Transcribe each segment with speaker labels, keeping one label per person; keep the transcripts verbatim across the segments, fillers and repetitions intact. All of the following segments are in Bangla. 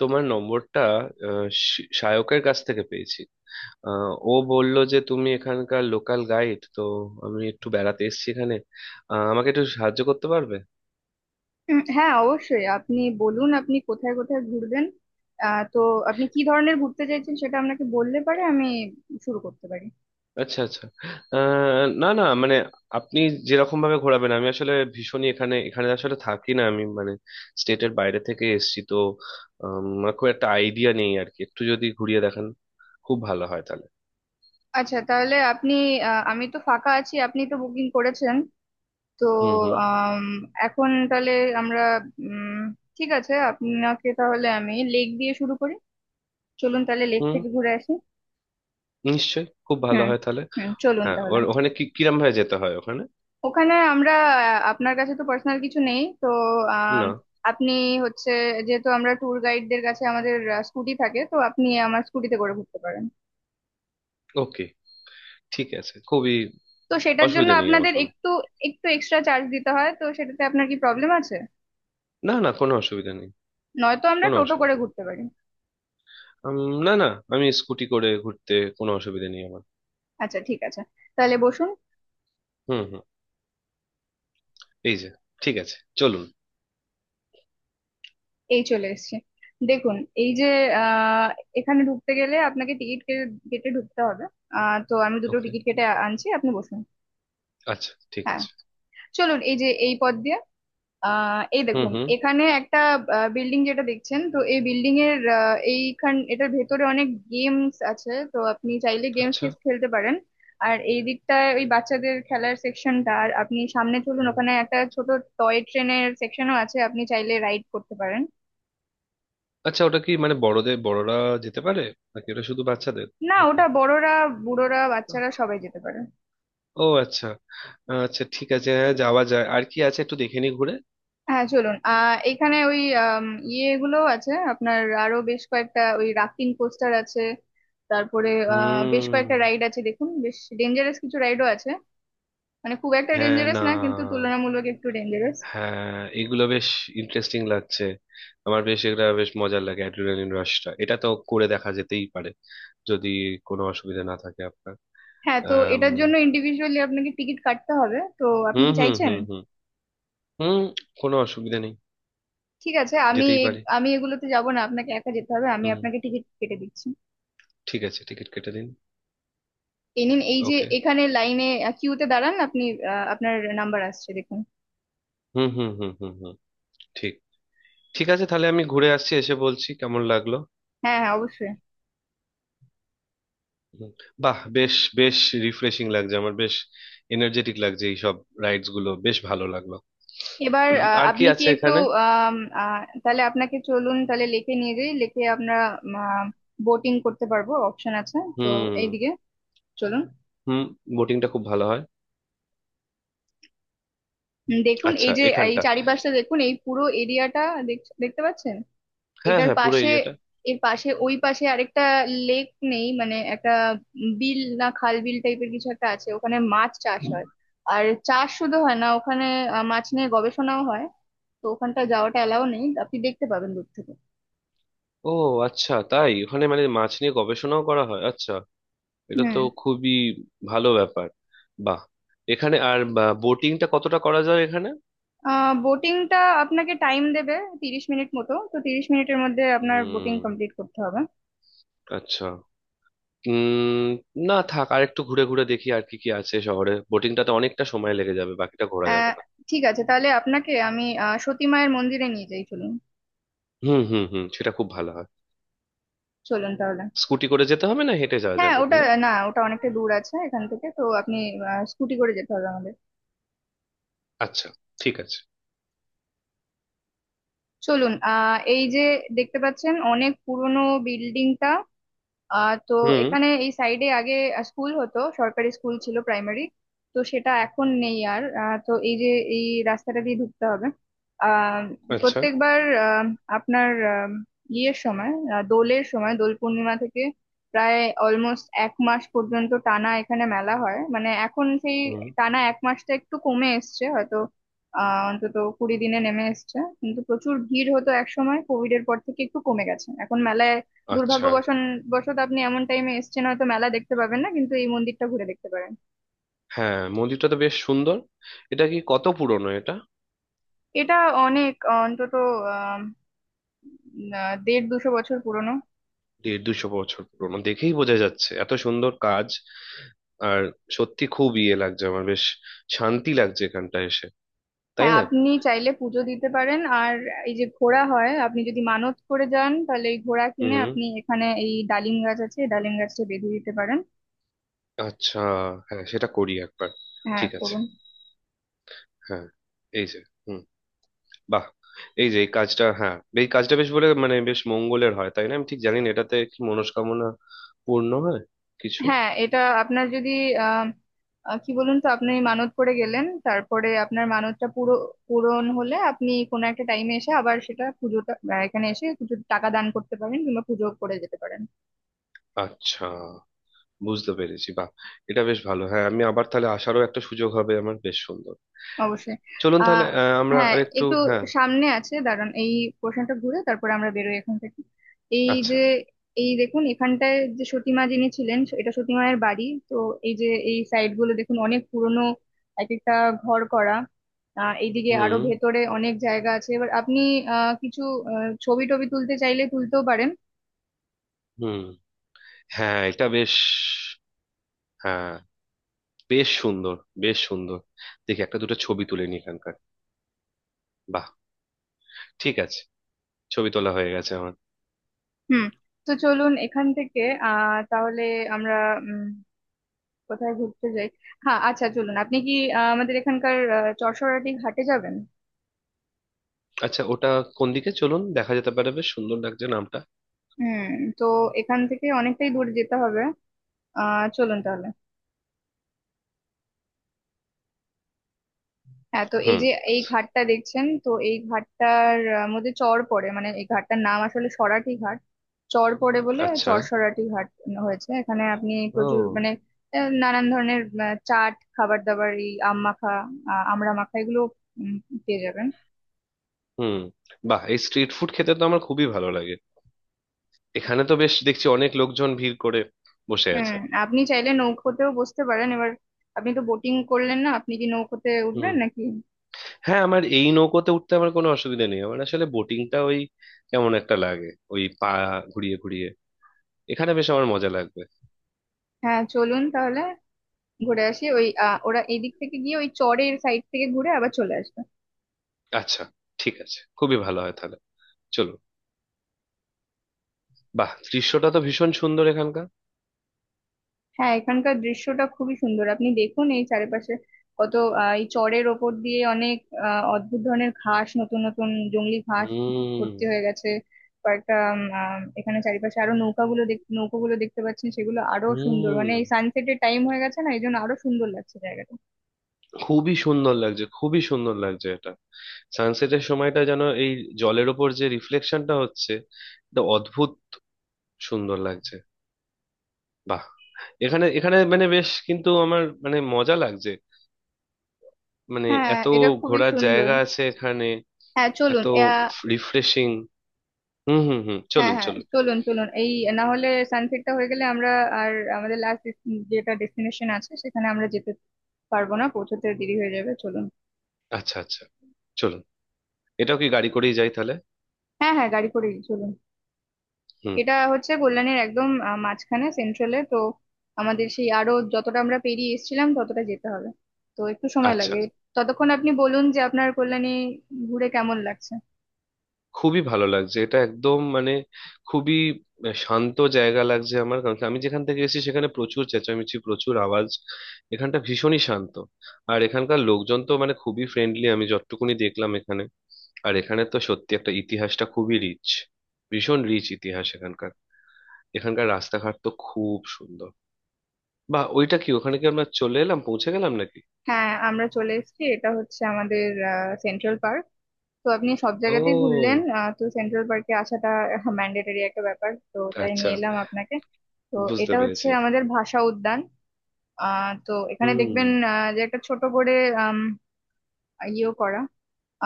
Speaker 1: তোমার নম্বরটা আহ, শ- সায়কের কাছ থেকে পেয়েছি। আহ, ও বলল যে তুমি এখানকার লোকাল গাইড, তো আমি একটু বেড়াতে এসেছি এখানে। আহ, আমাকে একটু সাহায্য করতে পারবে?
Speaker 2: উম, হ্যাঁ, অবশ্যই। আপনি বলুন, আপনি কোথায় কোথায় ঘুরবেন? আহ তো আপনি কি ধরনের ঘুরতে চাইছেন সেটা আপনাকে বললে পারে আমি শুরু করতে পারি।
Speaker 1: আচ্ছা আচ্ছা। আহ, না না, মানে আপনি যেরকম ভাবে ঘোরাবেন, আমি আসলে ভীষণই এখানে এখানে আসলে থাকি না আমি, মানে স্টেটের বাইরে থেকে এসেছি তো। আম, আমার খুব একটা আইডিয়া নেই আর কি, একটু যদি ঘুরিয়ে দেখান খুব ভালো হয় তাহলে।
Speaker 2: আচ্ছা, তাহলে আপনি আহ, আমি তো ফাঁকা আছি, আপনি তো বুকিং করেছেন তো।
Speaker 1: হুম হুম
Speaker 2: আম, এখন তাহলে আমরা উম ঠিক আছে, আপনাকে তাহলে আমি লেক দিয়ে শুরু করি। চলুন তাহলে লেক
Speaker 1: হুম,
Speaker 2: থেকে ঘুরে আসি।
Speaker 1: নিশ্চয়ই খুব ভালো
Speaker 2: হুম,
Speaker 1: হয় তাহলে।
Speaker 2: হুম, চলুন
Speaker 1: হ্যাঁ, ওর
Speaker 2: তাহলে।
Speaker 1: ওখানে কি কিরম ভাবে যেতে হয় ওখানে?
Speaker 2: ওখানে আমরা আহ, আপনার কাছে তো পার্সোনাল কিছু নেই তো। আম,
Speaker 1: না।
Speaker 2: আপনি হচ্ছে যেহেতু আমরা ট্যুর গাইডদের কাছে আমাদের স্কুটি থাকে তো, আপনি আমার স্কুটিতে করে ঘুরতে পারেন।
Speaker 1: ওকে, ঠিক আছে, খুবই
Speaker 2: তো সেটার জন্য
Speaker 1: অসুবিধা নেই আমার
Speaker 2: আপনাদের
Speaker 1: কোনো।
Speaker 2: একটু একটু এক্সট্রা চার্জ দিতে হয় তো, সেটাতে আপনার কি প্রবলেম আছে?
Speaker 1: না না, কোনো অসুবিধা নেই।
Speaker 2: নয়তো আমরা
Speaker 1: কোনো
Speaker 2: টোটো করে
Speaker 1: অসুবিধা নেই।
Speaker 2: ঘুরতে পারি।
Speaker 1: উম, না না, আমি স্কুটি করে ঘুরতে কোনো অসুবিধা নেই আমার।
Speaker 2: আচ্ছা, ঠিক আছে, তাহলে বসুন।
Speaker 1: হুম হুম, এই যে, ঠিক আছে চলুন।
Speaker 2: এই চলে এসেছি, দেখুন এই যে, আহ এখানে ঢুকতে গেলে আপনাকে টিকিট কেটে ঢুকতে হবে। আহ তো আমি দুটো
Speaker 1: ওকে,
Speaker 2: টিকিট কেটে আনছি, আপনি বসুন।
Speaker 1: আচ্ছা ঠিক
Speaker 2: হ্যাঁ,
Speaker 1: আছে।
Speaker 2: চলুন, এই যে এই পথ দিয়ে। আহ এই
Speaker 1: হুম
Speaker 2: দেখুন,
Speaker 1: হুম।
Speaker 2: এখানে একটা বিল্ডিং যেটা দেখছেন তো, এই বিল্ডিং এর আহ, এইখান এটার ভেতরে অনেক গেমস আছে তো, আপনি চাইলে গেমস
Speaker 1: আচ্ছা।
Speaker 2: কিছু খেলতে পারেন। আর এই দিকটায় ওই বাচ্চাদের খেলার সেকশনটা, আর আপনি সামনে চলুন,
Speaker 1: হুম।
Speaker 2: ওখানে একটা ছোট টয় ট্রেনের সেকশনও আছে, আপনি চাইলে রাইড করতে পারেন।
Speaker 1: আচ্ছা, ওটা কি মানে বড়দের, বড়রা যেতে পারে নাকি ওটা শুধু বাচ্চাদের?
Speaker 2: না,
Speaker 1: নাকি?
Speaker 2: ওটা বড়রা, বুড়োরা, বাচ্চারা সবাই যেতে পারে।
Speaker 1: ও আচ্ছা। আচ্ছা ঠিক আছে, হ্যাঁ যাওয়া যায়। আর কি আছে একটু দেখে নি ঘুরে।
Speaker 2: হ্যাঁ, চলুন। আহ এখানে ওই আম, ইয়েগুলো আছে, আপনার আরো বেশ কয়েকটা ওই রাফটিং কোস্টার আছে। তারপরে আহ, বেশ
Speaker 1: হুম।
Speaker 2: কয়েকটা রাইড আছে, দেখুন বেশ ডেঞ্জারাস কিছু রাইডও আছে। মানে খুব একটা
Speaker 1: হ্যাঁ
Speaker 2: ডেঞ্জারাস
Speaker 1: না,
Speaker 2: না, কিন্তু তুলনামূলক একটু ডেঞ্জারাস।
Speaker 1: হ্যাঁ এগুলো বেশ ইন্টারেস্টিং লাগছে আমার। বেশ এটা বেশ মজার লাগে অ্যাড্রিনালিন রাশটা, এটা তো করে দেখা যেতেই পারে, যদি কোনো অসুবিধা না থাকে আপনার।
Speaker 2: হ্যাঁ, তো
Speaker 1: আম,
Speaker 2: এটার জন্য ইন্ডিভিজুয়ালি আপনাকে টিকিট কাটতে হবে তো, আপনি
Speaker 1: হুম
Speaker 2: কি
Speaker 1: হুম
Speaker 2: চাইছেন?
Speaker 1: হুম হুম হুম, কোনো অসুবিধা নেই,
Speaker 2: ঠিক আছে, আমি
Speaker 1: যেতেই
Speaker 2: এই-
Speaker 1: পারি।
Speaker 2: আমি এগুলোতে যাব না, আপনাকে একা যেতে হবে, আমি
Speaker 1: হুম,
Speaker 2: আপনাকে টিকিট কেটে দিচ্ছি।
Speaker 1: ঠিক আছে টিকিট কেটে দিন।
Speaker 2: এই নিন, এই যে
Speaker 1: ওকে।
Speaker 2: এখানে লাইনে কিউতে দাঁড়ান আপনি। আহ, আপনার নাম্বার আসছে, দেখুন।
Speaker 1: হুম হুম হুম হুম হুম, ঠিক, ঠিক আছে তাহলে আমি ঘুরে আসছি, এসে বলছি কেমন লাগলো।
Speaker 2: হ্যাঁ, হ্যাঁ, অবশ্যই।
Speaker 1: হুম, বাহ, বেশ বেশ রিফ্রেশিং লাগছে আমার, বেশ এনার্জেটিক লাগছে, এইসব রাইডস গুলো বেশ ভালো লাগলো।
Speaker 2: এবার আহ,
Speaker 1: আর কি
Speaker 2: আপনি কি
Speaker 1: আছে
Speaker 2: একটু
Speaker 1: এখানে?
Speaker 2: আম, আহ, তাহলে আপনাকে চলুন তাহলে লেকে নিয়ে যাই, লেকে আমরা বোটিং করতে পারবো, অপশন আছে তো।
Speaker 1: হুম
Speaker 2: এইদিকে চলুন।
Speaker 1: হুম, বোটিংটা খুব ভালো হয়।
Speaker 2: উম, দেখুন
Speaker 1: আচ্ছা,
Speaker 2: এই যে এই
Speaker 1: এখানটা
Speaker 2: চারিপাশটা দেখুন, এই পুরো এরিয়াটা দেখতে পাচ্ছেন?
Speaker 1: হ্যাঁ
Speaker 2: এটার
Speaker 1: হ্যাঁ পুরো
Speaker 2: পাশে,
Speaker 1: এরিয়াটা।
Speaker 2: এর পাশে ওই পাশে আরেকটা লেক নেই, মানে একটা বিল, না খাল বিল টাইপের কিছু একটা আছে। ওখানে মাছ চাষ হয়, আর চাষ শুধু হয় না ওখানে, আহ, মাছ নিয়ে গবেষণাও হয়। তো ওখানটা যাওয়াটা এলাও নেই, আপনি দেখতে পাবেন দূর থেকে।
Speaker 1: ও আচ্ছা, তাই ওখানে মানে মাছ নিয়ে গবেষণাও করা হয়? আচ্ছা, এটা তো
Speaker 2: হুম।
Speaker 1: খুবই ভালো ব্যাপার। বাহ। এখানে আর বোটিংটা কতটা করা যায় এখানে?
Speaker 2: আহ বোটিংটা আপনাকে টাইম দেবে তিরিশ মিনিট মতো, তো তিরিশ মিনিটের মধ্যে আপনার বোটিং
Speaker 1: হুম,
Speaker 2: কমপ্লিট করতে হবে।
Speaker 1: আচ্ছা। উম, না থাক, আর একটু ঘুরে ঘুরে দেখি আর কি কি আছে শহরে, বোটিংটাতে অনেকটা সময় লেগে যাবে, বাকিটা ঘোরা যাবে
Speaker 2: আহ
Speaker 1: না।
Speaker 2: ঠিক আছে, তাহলে আপনাকে আমি আহ, সতী মায়ের মন্দিরে নিয়ে যাই, চলুন।
Speaker 1: হুম হুম হুম, সেটা খুব ভালো হয়।
Speaker 2: চলুন তাহলে।
Speaker 1: স্কুটি করে যেতে হবে, না হেঁটে যাওয়া
Speaker 2: হ্যাঁ,
Speaker 1: যাবে
Speaker 2: ওটা
Speaker 1: এখানে?
Speaker 2: না, ওটা অনেকটা দূর আছে এখান থেকে, তো আপনি স্কুটি করে যেতে হবে আমাদের।
Speaker 1: আচ্ছা, ঠিক আছে।
Speaker 2: চলুন, আহ এই যে দেখতে পাচ্ছেন অনেক পুরনো বিল্ডিংটা। আহ তো
Speaker 1: হুম।
Speaker 2: এখানে এই সাইডে আগে স্কুল হতো, সরকারি স্কুল ছিল, প্রাইমারি। তো সেটা এখন নেই আর। আহ, তো এই যে এই রাস্তাটা দিয়ে ঢুকতে হবে। আহ
Speaker 1: আচ্ছা।
Speaker 2: প্রত্যেকবার আহ, আপনার আহ, ইয়ের সময় আহ, দোলের সময় দোল পূর্ণিমা থেকে প্রায় অলমোস্ট এক মাস পর্যন্ত টানা এখানে মেলা হয়। মানে এখন সেই
Speaker 1: হুম।
Speaker 2: টানা এক মাসটা একটু কমে এসছে হয়তো, আহ অন্তত কুড়ি দিনে নেমে এসছে। কিন্তু প্রচুর ভিড় হতো এক সময়, কোভিড এর পর থেকে একটু কমে গেছে এখন মেলায়।
Speaker 1: আচ্ছা।
Speaker 2: দুর্ভাগ্যবশত আপনি এমন টাইমে এসেছেন হয়তো মেলা দেখতে পাবেন না, কিন্তু এই মন্দিরটা ঘুরে দেখতে পারেন।
Speaker 1: হ্যাঁ মন্দিরটা তো বেশ সুন্দর, এটা কি কত পুরনো এটা?
Speaker 2: এটা অনেক, অন্তত আহ আহ, দেড় দুশো বছর পুরনো।
Speaker 1: দেড় দুশো বছর পুরনো দেখেই বোঝা যাচ্ছে, এত সুন্দর কাজ। আর সত্যি খুব ইয়ে লাগছে আমার, বেশ শান্তি লাগছে এখানটা এসে, তাই
Speaker 2: হ্যাঁ,
Speaker 1: না?
Speaker 2: আপনি চাইলে পুজো দিতে পারেন। আর এই যে ঘোড়া হয়, আপনি যদি মানত করে যান তাহলে এই ঘোড়া কিনে
Speaker 1: হুম,
Speaker 2: আপনি এখানে এই ডালিম গাছ আছে, এই ডালিম গাছটা বেঁধে দিতে পারেন।
Speaker 1: আচ্ছা, হ্যাঁ সেটা করি একবার।
Speaker 2: হ্যাঁ,
Speaker 1: ঠিক আছে।
Speaker 2: করুন।
Speaker 1: হ্যাঁ, এই যে, হুম, বাহ, এই যে এই কাজটা, হ্যাঁ এই কাজটা বেশ, বলে মানে বেশ মঙ্গলের হয় তাই না? আমি ঠিক জানি না এটাতে কি মনস্কামনা পূর্ণ হয় কিছু।
Speaker 2: হ্যাঁ, এটা আপনার যদি আহ আহ, কি বলুন তো, আপনি মানত করে গেলেন, তারপরে আপনার মানতটা পুরো পূরণ হলে আপনি কোনো একটা টাইমে এসে আবার সেটা পুজোটা আহ, এখানে এসে কিছু টাকা দান করতে পারেন, কিংবা পুজো করে যেতে পারেন।
Speaker 1: আচ্ছা, বুঝতে পেরেছি। বাহ, এটা বেশ ভালো, হ্যাঁ আমি আবার তাহলে আসারও একটা সুযোগ হবে আমার, বেশ সুন্দর।
Speaker 2: অবশ্যই।
Speaker 1: চলুন তাহলে,
Speaker 2: আহ
Speaker 1: আহ, আমরা
Speaker 2: হ্যাঁ,
Speaker 1: আরেকটু
Speaker 2: একটু
Speaker 1: হ্যাঁ।
Speaker 2: সামনে আছে, দাঁড়ান এই পোর্শনটা ঘুরে তারপরে আমরা বেরোই এখান থেকে। এই
Speaker 1: আচ্ছা।
Speaker 2: যে এই দেখুন এখানটায় যে সতীমা যিনি ছিলেন, এটা সতীমায়ের বাড়ি তো। এই যে এই সাইড গুলো দেখুন, অনেক পুরনো এক একটা ঘর করা। আহ এইদিকে আরো
Speaker 1: হুম
Speaker 2: ভেতরে অনেক জায়গা আছে। এবার আপনি আহ কিছু আহ, ছবি টবি তুলতে চাইলে তুলতেও পারেন।
Speaker 1: হুম। হ্যাঁ এটা বেশ, হ্যাঁ বেশ সুন্দর, বেশ সুন্দর। দেখি একটা দুটো ছবি তুলে নি এখানকার। বাহ, ঠিক আছে, ছবি তোলা হয়ে গেছে আমার।
Speaker 2: হুম। তো চলুন এখান থেকে। আহ তাহলে আমরা উম কোথায় ঘুরতে যাই? হ্যাঁ, আচ্ছা, চলুন। আপনি কি আহ, আমাদের এখানকার আহ, চড়সরাটি ঘাটে যাবেন?
Speaker 1: আচ্ছা, ওটা কোন দিকে? চলুন, দেখা যেতে পারে, বেশ সুন্দর লাগছে নামটা।
Speaker 2: হুম। তো এখান থেকে অনেকটাই দূরে যেতে হবে। আহ চলুন তাহলে। হ্যাঁ, তো এই
Speaker 1: হুম,
Speaker 2: যে এই ঘাটটা দেখছেন তো, এই ঘাটটার আহ, মধ্যে চর পড়ে, মানে এই ঘাটটার নাম আসলে সরাটি ঘাট, চর পড়ে বলে
Speaker 1: আচ্ছা।
Speaker 2: চরসরাটি ঘাট হয়েছে। এখানে আপনি প্রচুর,
Speaker 1: ও।
Speaker 2: মানে আহ, নানান ধরনের আহ, চাট, খাবার দাবার, এই আম মাখা, আহ, আমড়া মাখা, এগুলো উম, পেয়ে যাবেন।
Speaker 1: হুম। বাহ, এই স্ট্রিট ফুড খেতে তো আমার খুবই ভালো লাগে। এখানে তো বেশ দেখছি অনেক লোকজন ভিড় করে বসে
Speaker 2: হুম।
Speaker 1: আছে।
Speaker 2: আপনি চাইলে নৌকোতেও বসতে পারেন এবার। আপনি তো বোটিং করলেন না, আপনি কি নৌকোতে
Speaker 1: হুম,
Speaker 2: উঠবেন নাকি?
Speaker 1: হ্যাঁ আমার এই নৌকোতে উঠতে আমার কোনো অসুবিধা নেই, আমার আসলে বোটিংটা ওই কেমন একটা লাগে, ওই পা ঘুরিয়ে ঘুরিয়ে। এখানে বেশ আমার মজা লাগবে।
Speaker 2: হ্যাঁ, চলুন তাহলে, ঘুরে আসি ওই আহ, ওরা এদিক থেকে গিয়ে ওই চরের সাইড থেকে ঘুরে আবার চলে আসবে।
Speaker 1: আচ্ছা, ঠিক আছে, খুবই ভালো হয় তাহলে। চলো। বাহ, দৃশ্যটা তো ভীষণ সুন্দর এখানকার।
Speaker 2: হ্যাঁ, এখানকার দৃশ্যটা খুবই সুন্দর, আপনি দেখুন এই চারিপাশে কত আহ, এই চরের ওপর দিয়ে অনেক আহ, অদ্ভুত ধরনের ঘাস, নতুন নতুন জংলি ঘাস
Speaker 1: হুম।
Speaker 2: ভর্তি হয়ে গেছে। কয়েকটা উম, আহ, এখানে চারিপাশে আরো নৌকাগুলো দেখ নৌকোগুলো দেখতে পাচ্ছেন, সেগুলো আরো
Speaker 1: হুম,
Speaker 2: সুন্দর। মানে এই সানসেটের টাইম হয়ে গেছে না, এই জন্য আরো সুন্দর লাগছে জায়গাটা।
Speaker 1: খুবই সুন্দর লাগছে, খুবই সুন্দর লাগছে এটা। সানসেটের সময়টা যেন, এই জলের ওপর যে রিফ্লেকশনটা হচ্ছে, এটা অদ্ভুত সুন্দর লাগছে। বাহ। এখানে এখানে মানে বেশ কিন্তু আমার মানে মজা লাগছে, মানে
Speaker 2: হ্যাঁ,
Speaker 1: এত
Speaker 2: এটা খুবই
Speaker 1: ঘোরার
Speaker 2: সুন্দর।
Speaker 1: জায়গা আছে এখানে,
Speaker 2: হ্যাঁ,
Speaker 1: এত
Speaker 2: চলুন আহ,
Speaker 1: রিফ্রেশিং। হুম হুম হুম,
Speaker 2: হ্যাঁ,
Speaker 1: চলুন
Speaker 2: হ্যাঁ,
Speaker 1: চলুন।
Speaker 2: চলুন, চলুন, এই না হলে সানসেটটা হয়ে গেলে আমরা আর আমাদের লাস্ট যেটা ডেস্টিনেশন আছে সেখানে আমরা যেতে পারবো না, পৌঁছতে দেরি হয়ে যাবে। চলুন।
Speaker 1: আচ্ছা আচ্ছা, চলুন। এটাও কি গাড়ি করেই যাই তাহলে?
Speaker 2: হ্যাঁ, হ্যাঁ, গাড়ি করেই চলুন।
Speaker 1: হুম।
Speaker 2: এটা হচ্ছে কল্যাণীর একদম আহ, মাঝখানে, সেন্ট্রালে তো। আমাদের সেই আরো যতটা আমরা পেরিয়ে এসেছিলাম ততটা যেতে হবে, তো একটু সময়
Speaker 1: আচ্ছা,
Speaker 2: লাগবে। ততক্ষণ আপনি বলুন যে আপনার কল্যাণী ঘুরে কেমন লাগছে।
Speaker 1: খুবই ভালো লাগছে, এটা একদম মানে খুবই শান্ত জায়গা লাগছে আমার, কারণ কি আমি যেখান থেকে এসেছি সেখানে প্রচুর চেঁচামেচি, প্রচুর আওয়াজ। এখানটা ভীষণই শান্ত। আর এখানকার লোকজন তো মানে খুবই ফ্রেন্ডলি, আমি যতটুকুনি দেখলাম এখানে। আর এখানে তো সত্যি একটা, ইতিহাসটা খুবই রিচ, ভীষণ রিচ ইতিহাস এখানকার। এখানকার রাস্তাঘাট তো খুব সুন্দর। বা, ওইটা কি? ওখানে কি আমরা চলে এলাম, পৌঁছে গেলাম নাকি?
Speaker 2: হ্যাঁ, আমরা চলে এসেছি। এটা হচ্ছে আমাদের সেন্ট্রাল পার্ক। তো আপনি সব জায়গাতেই ঘুরলেন,
Speaker 1: ও
Speaker 2: আহ, তো সেন্ট্রাল পার্কে আসাটা
Speaker 1: আচ্ছা,
Speaker 2: ম্যান্ডেটরি একটা ব্যাপার তো, তাই নিয়ে এলাম আপনাকে। তো
Speaker 1: বুঝতে
Speaker 2: এটা হচ্ছে
Speaker 1: পেরেছি।
Speaker 2: আমাদের ভাষা উদ্যান। আহ, তো এখানে
Speaker 1: হুম
Speaker 2: দেখবেন আহ, যে একটা ছোট করে আম, ইয়েও করা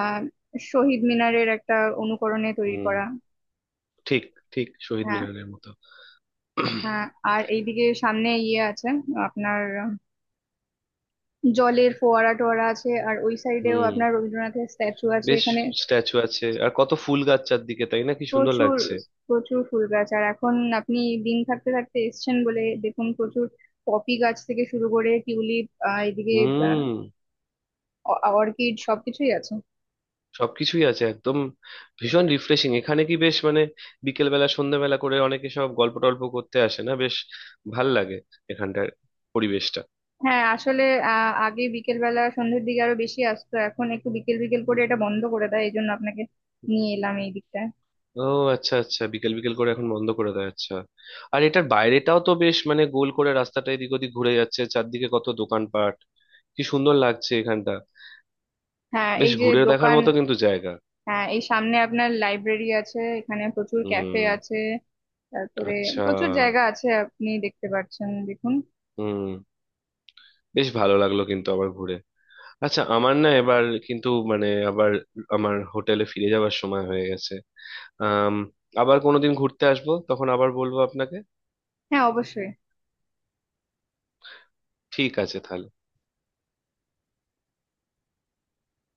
Speaker 2: আহ, শহীদ মিনারের একটা অনুকরণে তৈরি
Speaker 1: হুম,
Speaker 2: করা।
Speaker 1: ঠিক, ঠিক শহীদ
Speaker 2: হ্যাঁ,
Speaker 1: মিনারের মতো।
Speaker 2: হ্যাঁ। আর এইদিকে সামনে ইয়ে আছে, আপনার আহ, জলের ফোয়ারা টোয়ারা আছে। আর ওই সাইডেও
Speaker 1: হুম,
Speaker 2: আপনার রবীন্দ্রনাথের স্ট্যাচু আছে
Speaker 1: বেশ,
Speaker 2: এখানে।
Speaker 1: স্ট্যাচু আছে, আর কত ফুল গাছ চারদিকে, তাই না, কি সুন্দর
Speaker 2: প্রচুর,
Speaker 1: লাগছে।
Speaker 2: প্রচুর ফুল গাছ। আর এখন আপনি দিন থাকতে থাকতে এসছেন বলে দেখুন প্রচুর পপি গাছ থেকে শুরু করে টিউলিপ, আহ, এদিকে
Speaker 1: হুম,
Speaker 2: অর্কিড সবকিছুই আছে।
Speaker 1: সবকিছুই আছে একদম। ভীষণ রিফ্রেশিং, এখানে কি বেশ মানে, বিকেল বেলা সন্ধ্যাবেলা করে অনেকে সব গল্প টল্প করতে আসে না, বেশ ভাল লাগে এখানটার পরিবেশটা।
Speaker 2: হ্যাঁ, আসলে আহ, আগে বিকেল বেলা সন্ধ্যের দিকে আরো বেশি আসতো, এখন একটু বিকেল বিকেল করে এটা বন্ধ করে দেয়, এই জন্য আপনাকে নিয়ে এলাম এই দিকটায়।
Speaker 1: ও আচ্ছা, আচ্ছা বিকেল বিকেল করে এখন বন্ধ করে দেয়, আচ্ছা। আর এটার বাইরেটাও তো বেশ মানে, গোল করে রাস্তাটা এদিক ওদিক ঘুরে যাচ্ছে, চারদিকে কত দোকানপাট, কি সুন্দর লাগছে এখানটা।
Speaker 2: হ্যাঁ,
Speaker 1: বেশ
Speaker 2: এই যে
Speaker 1: ঘুরে দেখার
Speaker 2: দোকান।
Speaker 1: মতো কিন্তু জায়গা।
Speaker 2: হ্যাঁ, এই সামনে আপনার লাইব্রেরি আছে, এখানে প্রচুর ক্যাফে
Speaker 1: হুম,
Speaker 2: আছে। তারপরে
Speaker 1: আচ্ছা।
Speaker 2: প্রচুর জায়গা আছে, আপনি দেখতে পাচ্ছেন, দেখুন।
Speaker 1: হুম, বেশ ভালো লাগলো, কিন্তু আবার ঘুরে, আচ্ছা আমার না এবার কিন্তু, মানে আবার আমার হোটেলে ফিরে যাওয়ার সময় হয়ে গেছে। আম, আবার কোনোদিন ঘুরতে আসবো তখন আবার বলবো আপনাকে।
Speaker 2: হ্যাঁ, অবশ্যই।
Speaker 1: ঠিক আছে তাহলে।